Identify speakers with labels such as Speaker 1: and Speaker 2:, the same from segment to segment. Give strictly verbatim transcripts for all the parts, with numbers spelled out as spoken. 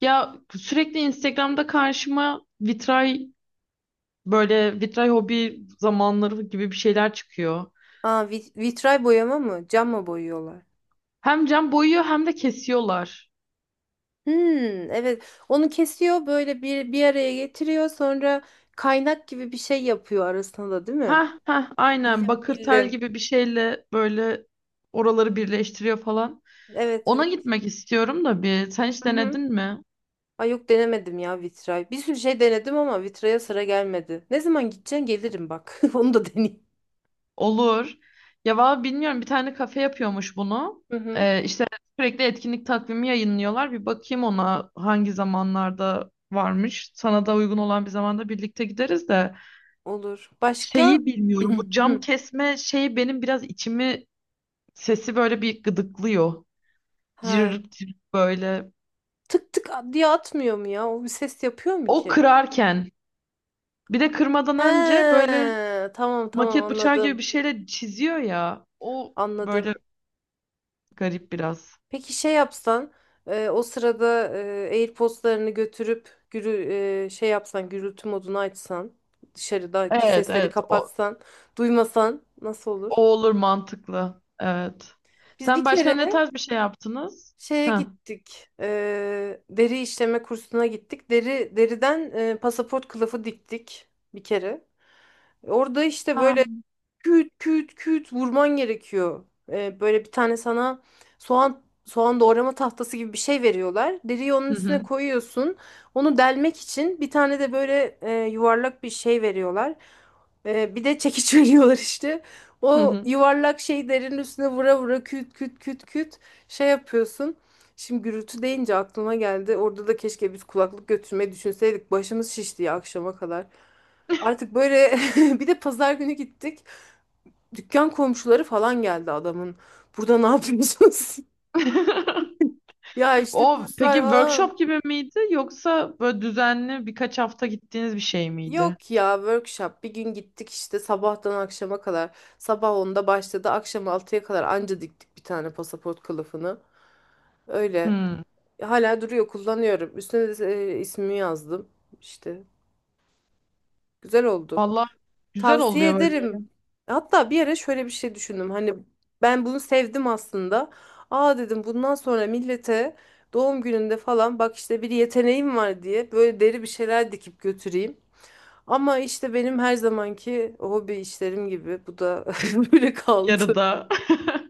Speaker 1: Ya sürekli Instagram'da karşıma vitray böyle vitray hobi zamanları gibi bir şeyler çıkıyor.
Speaker 2: Aa, vit- vitray boyama mı? Cam mı boyuyorlar?
Speaker 1: Hem cam boyuyor hem de kesiyorlar.
Speaker 2: Hmm, evet. Onu kesiyor böyle bir bir araya getiriyor sonra kaynak gibi bir şey yapıyor arasında da değil mi?
Speaker 1: Ha ha, aynen,
Speaker 2: Bildim,
Speaker 1: bakır tel
Speaker 2: bildim.
Speaker 1: gibi bir şeyle böyle oraları birleştiriyor falan.
Speaker 2: Evet,
Speaker 1: Ona
Speaker 2: evet.
Speaker 1: gitmek istiyorum da bir. Sen hiç
Speaker 2: Hı hı.
Speaker 1: denedin mi?
Speaker 2: Ay yok denemedim ya vitray. Bir sürü şey denedim ama vitraya sıra gelmedi. Ne zaman gideceksin gelirim bak. Onu da deneyeyim.
Speaker 1: Olur. Ya valla bilmiyorum, bir tane kafe yapıyormuş bunu.
Speaker 2: Hı hı.
Speaker 1: Ee, işte sürekli etkinlik takvimi yayınlıyorlar. Bir bakayım ona, hangi zamanlarda varmış. Sana da uygun olan bir zamanda birlikte gideriz de.
Speaker 2: Olur. Başka?
Speaker 1: Şeyi bilmiyorum, bu cam
Speaker 2: Hı.
Speaker 1: kesme şeyi benim biraz içimi, sesi böyle bir gıdıklıyor.
Speaker 2: Ha.
Speaker 1: Cırt cırt böyle.
Speaker 2: Tık tık diye atmıyor mu ya? O bir ses yapıyor mu
Speaker 1: O
Speaker 2: ki?
Speaker 1: kırarken, bir de kırmadan önce
Speaker 2: He,
Speaker 1: böyle
Speaker 2: tamam tamam
Speaker 1: maket bıçağı gibi
Speaker 2: anladım.
Speaker 1: bir şeyle çiziyor ya. O
Speaker 2: Anladım.
Speaker 1: böyle garip biraz.
Speaker 2: Peki şey yapsan e, o sırada e, AirPods'larını götürüp gürü, e, şey yapsan gürültü modunu açsan dışarıdaki
Speaker 1: Evet
Speaker 2: sesleri
Speaker 1: evet, o.
Speaker 2: kapatsan duymasan nasıl
Speaker 1: O
Speaker 2: olur?
Speaker 1: olur, mantıklı. Evet.
Speaker 2: Biz bir
Speaker 1: Sen başka
Speaker 2: kere
Speaker 1: ne tarz bir şey yaptınız?
Speaker 2: şeye
Speaker 1: Ha.
Speaker 2: gittik, e, deri işleme kursuna gittik, deri deriden e, pasaport kılıfı diktik bir kere. Orada işte
Speaker 1: Ha.
Speaker 2: böyle küt küt küt vurman gerekiyor. Ee, böyle bir tane sana soğan soğan doğrama tahtası gibi bir şey veriyorlar. Deriyi onun
Speaker 1: Hı hı.
Speaker 2: üstüne koyuyorsun. Onu delmek için bir tane de böyle e, yuvarlak bir şey veriyorlar. Ee, bir de çekiç veriyorlar işte.
Speaker 1: Hı
Speaker 2: O
Speaker 1: hı.
Speaker 2: yuvarlak şey derinin üstüne vura vura küt küt küt küt şey yapıyorsun. Şimdi gürültü deyince aklıma geldi. Orada da keşke biz kulaklık götürmeyi düşünseydik. Başımız şişti ya akşama kadar. Artık böyle bir de pazar günü gittik. Dükkan komşuları falan geldi adamın. Burada ne yapıyorsunuz? Ya işte
Speaker 1: O peki
Speaker 2: kurslar falan.
Speaker 1: workshop gibi miydi, yoksa böyle düzenli birkaç hafta gittiğiniz bir şey miydi?
Speaker 2: Yok ya workshop. Bir gün gittik işte sabahtan akşama kadar. Sabah onda başladı. Akşam altıya kadar anca diktik bir tane pasaport kılıfını. Öyle.
Speaker 1: Hmm.
Speaker 2: Hala duruyor kullanıyorum. Üstüne de e, ismimi yazdım. İşte güzel oldu.
Speaker 1: Valla güzel
Speaker 2: Tavsiye
Speaker 1: oluyor
Speaker 2: ederim.
Speaker 1: böyle,
Speaker 2: Hatta bir ara şöyle bir şey düşündüm. Hani ben bunu sevdim aslında. Aa dedim bundan sonra millete doğum gününde falan bak işte bir yeteneğim var diye böyle deri bir şeyler dikip götüreyim. Ama işte benim her zamanki hobi işlerim gibi bu da böyle kaldı.
Speaker 1: yarıda.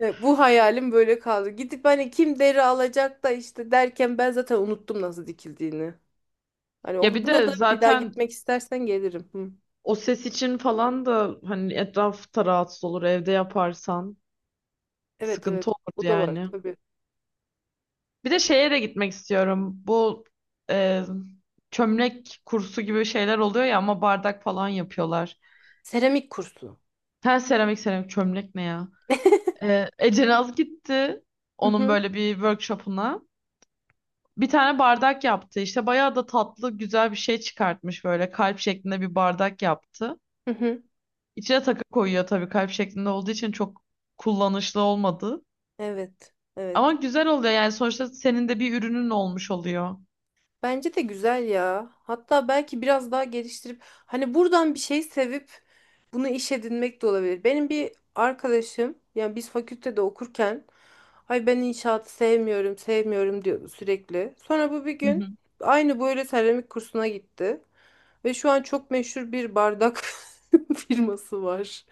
Speaker 2: E, Bu hayalim böyle kaldı. Gidip hani kim deri alacak da işte derken ben zaten unuttum nasıl dikildiğini. Hani
Speaker 1: Ya
Speaker 2: o-
Speaker 1: bir
Speaker 2: buna
Speaker 1: de
Speaker 2: da bir daha
Speaker 1: zaten
Speaker 2: gitmek istersen gelirim. Hı.
Speaker 1: o ses için falan da, hani, etraf da rahatsız olur evde yaparsan,
Speaker 2: Evet evet
Speaker 1: sıkıntı olur
Speaker 2: o da var
Speaker 1: yani.
Speaker 2: tabii.
Speaker 1: Bir de şeye de gitmek istiyorum. Bu e, çömlek kursu gibi şeyler oluyor ya, ama bardak falan yapıyorlar.
Speaker 2: Seramik kursu.
Speaker 1: Her seramik, seramik çömlek ne ya? E, Ece Naz gitti
Speaker 2: Hı
Speaker 1: onun
Speaker 2: hı.
Speaker 1: böyle bir workshopuna. Bir tane bardak yaptı. İşte bayağı da tatlı, güzel bir şey çıkartmış, böyle kalp şeklinde bir bardak yaptı.
Speaker 2: Hı hı.
Speaker 1: İçine takı koyuyor, tabii kalp şeklinde olduğu için çok kullanışlı olmadı.
Speaker 2: Evet. Evet.
Speaker 1: Ama güzel oluyor yani, sonuçta senin de bir ürünün olmuş oluyor.
Speaker 2: Bence de güzel ya. Hatta belki biraz daha geliştirip hani buradan bir şey sevip bunu iş edinmek de olabilir. Benim bir arkadaşım yani biz fakültede okurken ay ben inşaatı sevmiyorum sevmiyorum diyordu sürekli. Sonra bu bir
Speaker 1: Hı
Speaker 2: gün
Speaker 1: hı.
Speaker 2: aynı böyle seramik kursuna gitti. Ve şu an çok meşhur bir bardak firması var.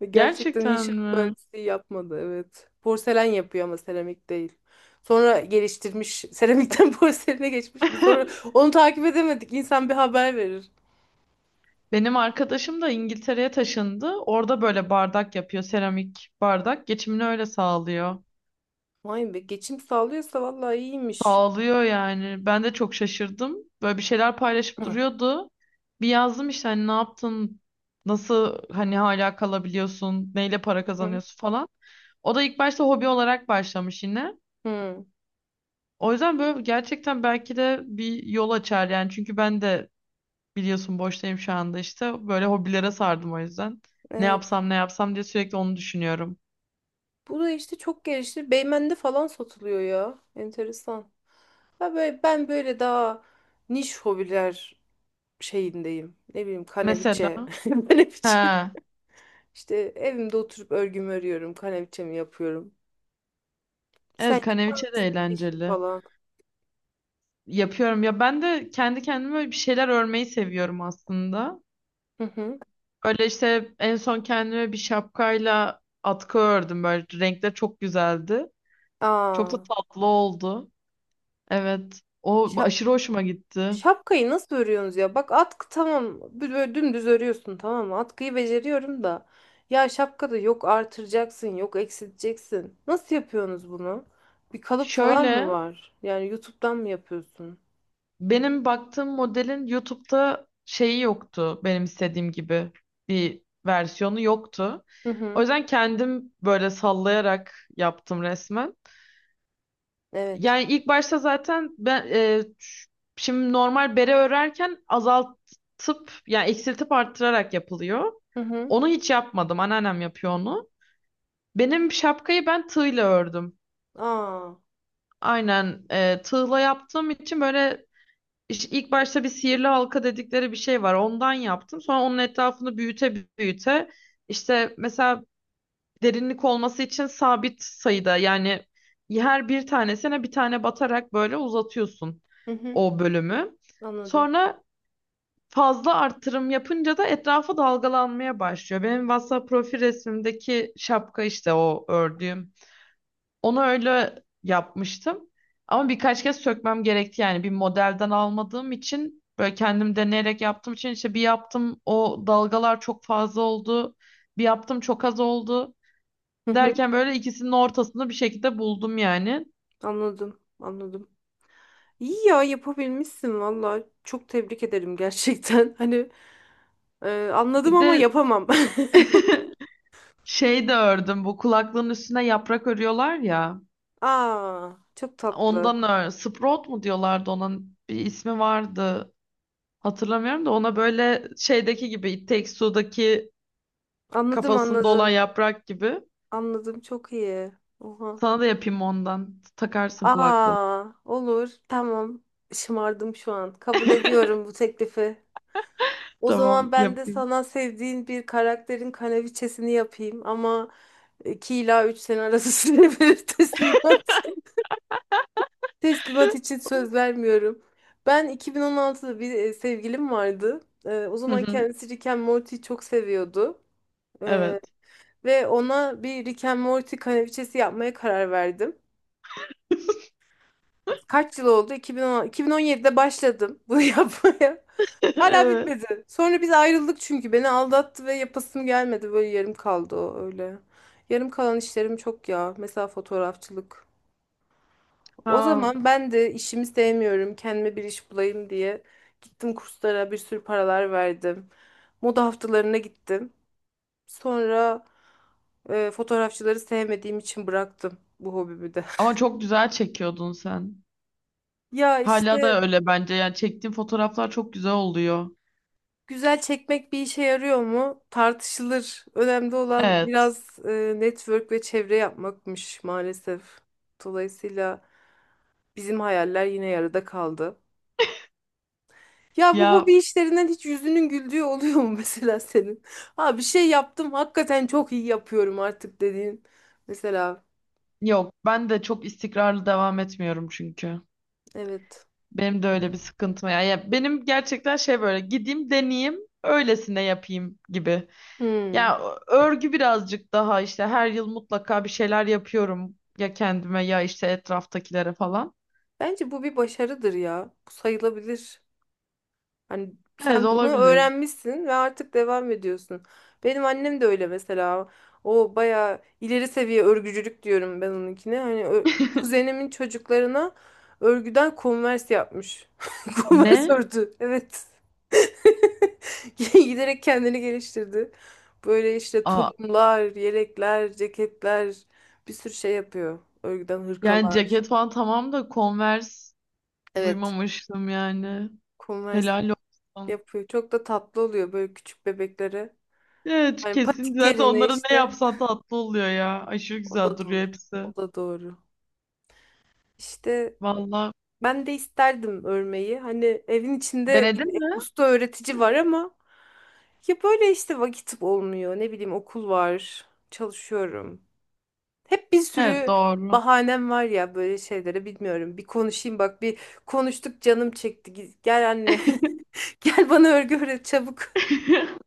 Speaker 2: Ve gerçekten
Speaker 1: Gerçekten
Speaker 2: inşaat
Speaker 1: mi?
Speaker 2: mühendisliği yapmadı evet. Porselen yapıyor ama seramik değil. Sonra geliştirmiş seramikten porseline geçmiş. Biz onu, onu takip edemedik. İnsan bir haber verir.
Speaker 1: Benim arkadaşım da İngiltere'ye taşındı. Orada böyle bardak yapıyor, seramik bardak. Geçimini öyle sağlıyor.
Speaker 2: Vay be geçim sağlıyorsa vallahi iyiymiş.
Speaker 1: Ağlıyor yani. Ben de çok şaşırdım. Böyle bir şeyler paylaşıp
Speaker 2: Hı
Speaker 1: duruyordu. Bir yazdım işte, hani ne yaptın? Nasıl hani hala kalabiliyorsun? Neyle para
Speaker 2: hı.
Speaker 1: kazanıyorsun falan. O da ilk başta hobi olarak başlamış yine.
Speaker 2: Hı.
Speaker 1: O yüzden böyle gerçekten belki de bir yol açar yani. Çünkü ben de biliyorsun boştayım şu anda işte. Böyle hobilere sardım o yüzden. Ne
Speaker 2: Evet.
Speaker 1: yapsam, ne yapsam diye sürekli onu düşünüyorum.
Speaker 2: Bu da işte çok gelişti. Beymen'de falan satılıyor ya. Enteresan. Ha böyle, ben böyle daha niş hobiler şeyindeyim. Ne bileyim
Speaker 1: Mesela.
Speaker 2: kaneviçe. Kaneviçe.
Speaker 1: He.
Speaker 2: İşte evimde oturup örgümü örüyorum. Kaneviçemi yapıyorum. Sen
Speaker 1: Evet,
Speaker 2: yap
Speaker 1: kaneviçe de
Speaker 2: işi
Speaker 1: eğlenceli.
Speaker 2: falan.
Speaker 1: Yapıyorum ya, ben de kendi kendime bir şeyler örmeyi seviyorum aslında.
Speaker 2: Hı hı.
Speaker 1: Öyle işte, en son kendime bir şapkayla atkı ördüm, böyle renkler çok güzeldi. Çok da
Speaker 2: Aa.
Speaker 1: tatlı oldu. Evet, o aşırı hoşuma gitti.
Speaker 2: Şapkayı nasıl örüyorsunuz ya? Bak atkı tamam. Böyle dümdüz örüyorsun tamam mı? Atkıyı beceriyorum da. Ya şapkada yok artıracaksın, yok eksilteceksin. Nasıl yapıyorsunuz bunu? Bir kalıp falan mı
Speaker 1: Şöyle,
Speaker 2: var? Yani YouTube'dan mı yapıyorsun?
Speaker 1: benim baktığım modelin YouTube'da şeyi yoktu, benim istediğim gibi bir versiyonu yoktu.
Speaker 2: Hı
Speaker 1: O
Speaker 2: hı.
Speaker 1: yüzden kendim böyle sallayarak yaptım resmen.
Speaker 2: Evet.
Speaker 1: Yani ilk başta zaten ben e, ş- şimdi normal bere örerken azaltıp, yani eksiltip arttırarak yapılıyor.
Speaker 2: Hı hı.
Speaker 1: Onu hiç yapmadım. Anneannem yapıyor onu. Benim şapkayı ben tığla ördüm.
Speaker 2: Aa.
Speaker 1: Aynen, e, tığla yaptığım için böyle iş- ilk başta bir sihirli halka dedikleri bir şey var. Ondan yaptım. Sonra onun etrafını büyüte büyüte, işte mesela derinlik olması için sabit sayıda, yani her bir tanesine bir tane batarak böyle uzatıyorsun
Speaker 2: Hı hı.
Speaker 1: o bölümü.
Speaker 2: Anladım.
Speaker 1: Sonra fazla artırım yapınca da etrafı dalgalanmaya başlıyor. Benim WhatsApp profil resmimdeki şapka işte o ördüğüm. Onu öyle yapmıştım. Ama birkaç kez sökmem gerekti, yani bir modelden almadığım için, böyle kendim deneyerek yaptığım için, işte bir yaptım, o dalgalar çok fazla oldu. Bir yaptım, çok az oldu.
Speaker 2: Hı hı.
Speaker 1: Derken böyle ikisinin ortasını bir şekilde buldum yani.
Speaker 2: Anladım. Anladım. İyi ya yapabilmişsin valla. Çok tebrik ederim gerçekten. Hani e, anladım
Speaker 1: Bir
Speaker 2: ama
Speaker 1: de
Speaker 2: yapamam.
Speaker 1: şey de ördüm, bu kulaklığın üstüne yaprak örüyorlar ya.
Speaker 2: Aa, çok tatlı.
Speaker 1: Ondan ör. Sprout mu diyorlardı, onun bir ismi vardı. Hatırlamıyorum da, ona böyle şeydeki gibi, It Takes Two'daki
Speaker 2: Anladım
Speaker 1: kafasında olan
Speaker 2: anladım.
Speaker 1: yaprak gibi.
Speaker 2: Anladım çok iyi. Oha.
Speaker 1: Sana da yapayım ondan. Takarsın kulaklığını.
Speaker 2: Aa, olur. Tamam. Şımardım şu an. Kabul ediyorum bu teklifi. O zaman
Speaker 1: Tamam,
Speaker 2: ben de
Speaker 1: yapayım.
Speaker 2: sana sevdiğin bir karakterin kanaviçesini yapayım ama iki ila üç sene arası süre verir teslimat. Teslimat için söz vermiyorum. Ben iki bin on altıda bir e, sevgilim vardı. E, o
Speaker 1: Hı
Speaker 2: zaman
Speaker 1: hı.
Speaker 2: kendisi Rick and Morty'yi çok seviyordu.
Speaker 1: Evet.
Speaker 2: E, Ve ona bir Rick and Morty kanaviçesi yapmaya karar verdim. Kaç yıl oldu? iki bin on, iki bin on yedide başladım bunu yapmaya. Hala
Speaker 1: Evet.
Speaker 2: bitmedi. Sonra biz ayrıldık çünkü beni aldattı ve yapasım gelmedi. Böyle yarım kaldı o öyle. Yarım kalan işlerim çok ya. Mesela fotoğrafçılık. O
Speaker 1: Ha.
Speaker 2: zaman ben de işimi sevmiyorum. Kendime bir iş bulayım diye gittim kurslara bir sürü paralar verdim. Moda haftalarına gittim. Sonra e, fotoğrafçıları sevmediğim için bıraktım bu hobimi de.
Speaker 1: Ama çok güzel çekiyordun sen.
Speaker 2: Ya
Speaker 1: Hala
Speaker 2: işte.
Speaker 1: da öyle bence. Yani çektiğim fotoğraflar çok güzel oluyor.
Speaker 2: Güzel çekmek bir işe yarıyor mu? Tartışılır. Önemli olan
Speaker 1: Evet.
Speaker 2: biraz e, network ve çevre yapmakmış maalesef. Dolayısıyla bizim hayaller yine yarıda kaldı. Ya bu
Speaker 1: Ya
Speaker 2: hobi işlerinden hiç yüzünün güldüğü oluyor mu mesela senin? Ha bir şey yaptım hakikaten çok iyi yapıyorum artık dediğin. Mesela
Speaker 1: yok, ben de çok istikrarlı devam etmiyorum çünkü.
Speaker 2: evet.
Speaker 1: Benim de öyle bir sıkıntım var. Ya benim gerçekten şey, böyle gideyim, deneyeyim, öylesine yapayım gibi.
Speaker 2: Hmm.
Speaker 1: Ya örgü birazcık daha işte, her yıl mutlaka bir şeyler yapıyorum. Ya kendime, ya işte etraftakilere falan.
Speaker 2: Bence bu bir başarıdır ya. Bu sayılabilir. Hani
Speaker 1: Evet,
Speaker 2: sen bunu
Speaker 1: olabilir.
Speaker 2: öğrenmişsin ve artık devam ediyorsun. Benim annem de öyle mesela. O bayağı ileri seviye örgücülük diyorum ben onunkine. Hani ö- kuzenimin çocuklarına örgüden konvers yapmış. Konvers
Speaker 1: Ne?
Speaker 2: ördü. Evet. Giderek kendini geliştirdi. Böyle işte
Speaker 1: Aa,
Speaker 2: tulumlar, yelekler, ceketler bir sürü şey yapıyor. Örgüden
Speaker 1: yani
Speaker 2: hırkalar.
Speaker 1: ceket falan tamam da, Converse
Speaker 2: Evet.
Speaker 1: duymamıştım yani.
Speaker 2: Konvers
Speaker 1: Helal olsun.
Speaker 2: yapıyor. Çok da tatlı oluyor böyle küçük bebeklere.
Speaker 1: Evet,
Speaker 2: Yani
Speaker 1: kesin.
Speaker 2: patik
Speaker 1: Zaten
Speaker 2: yerine
Speaker 1: onlara ne
Speaker 2: işte.
Speaker 1: yapsan tatlı oluyor ya. Aşırı
Speaker 2: O
Speaker 1: güzel
Speaker 2: da
Speaker 1: duruyor
Speaker 2: doğru.
Speaker 1: hepsi.
Speaker 2: O da doğru. İşte
Speaker 1: Vallahi,
Speaker 2: ben de isterdim örmeyi. Hani evin içinde
Speaker 1: denedin
Speaker 2: bir
Speaker 1: mi?
Speaker 2: usta öğretici var ama ya böyle işte vakit olmuyor. Ne bileyim okul var. Çalışıyorum. Hep bir
Speaker 1: Evet,
Speaker 2: sürü
Speaker 1: doğru.
Speaker 2: bahanem var ya böyle şeylere bilmiyorum. Bir konuşayım bak bir konuştuk canım çekti. Gi- Gel anne. Gel bana örgü öğret çabuk.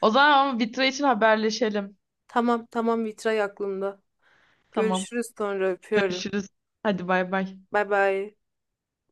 Speaker 1: O zaman ama vitra için haberleşelim.
Speaker 2: Tamam tamam vitray aklımda.
Speaker 1: Tamam.
Speaker 2: Görüşürüz sonra öpüyorum.
Speaker 1: Görüşürüz. Hadi bay bay.
Speaker 2: Bay bay.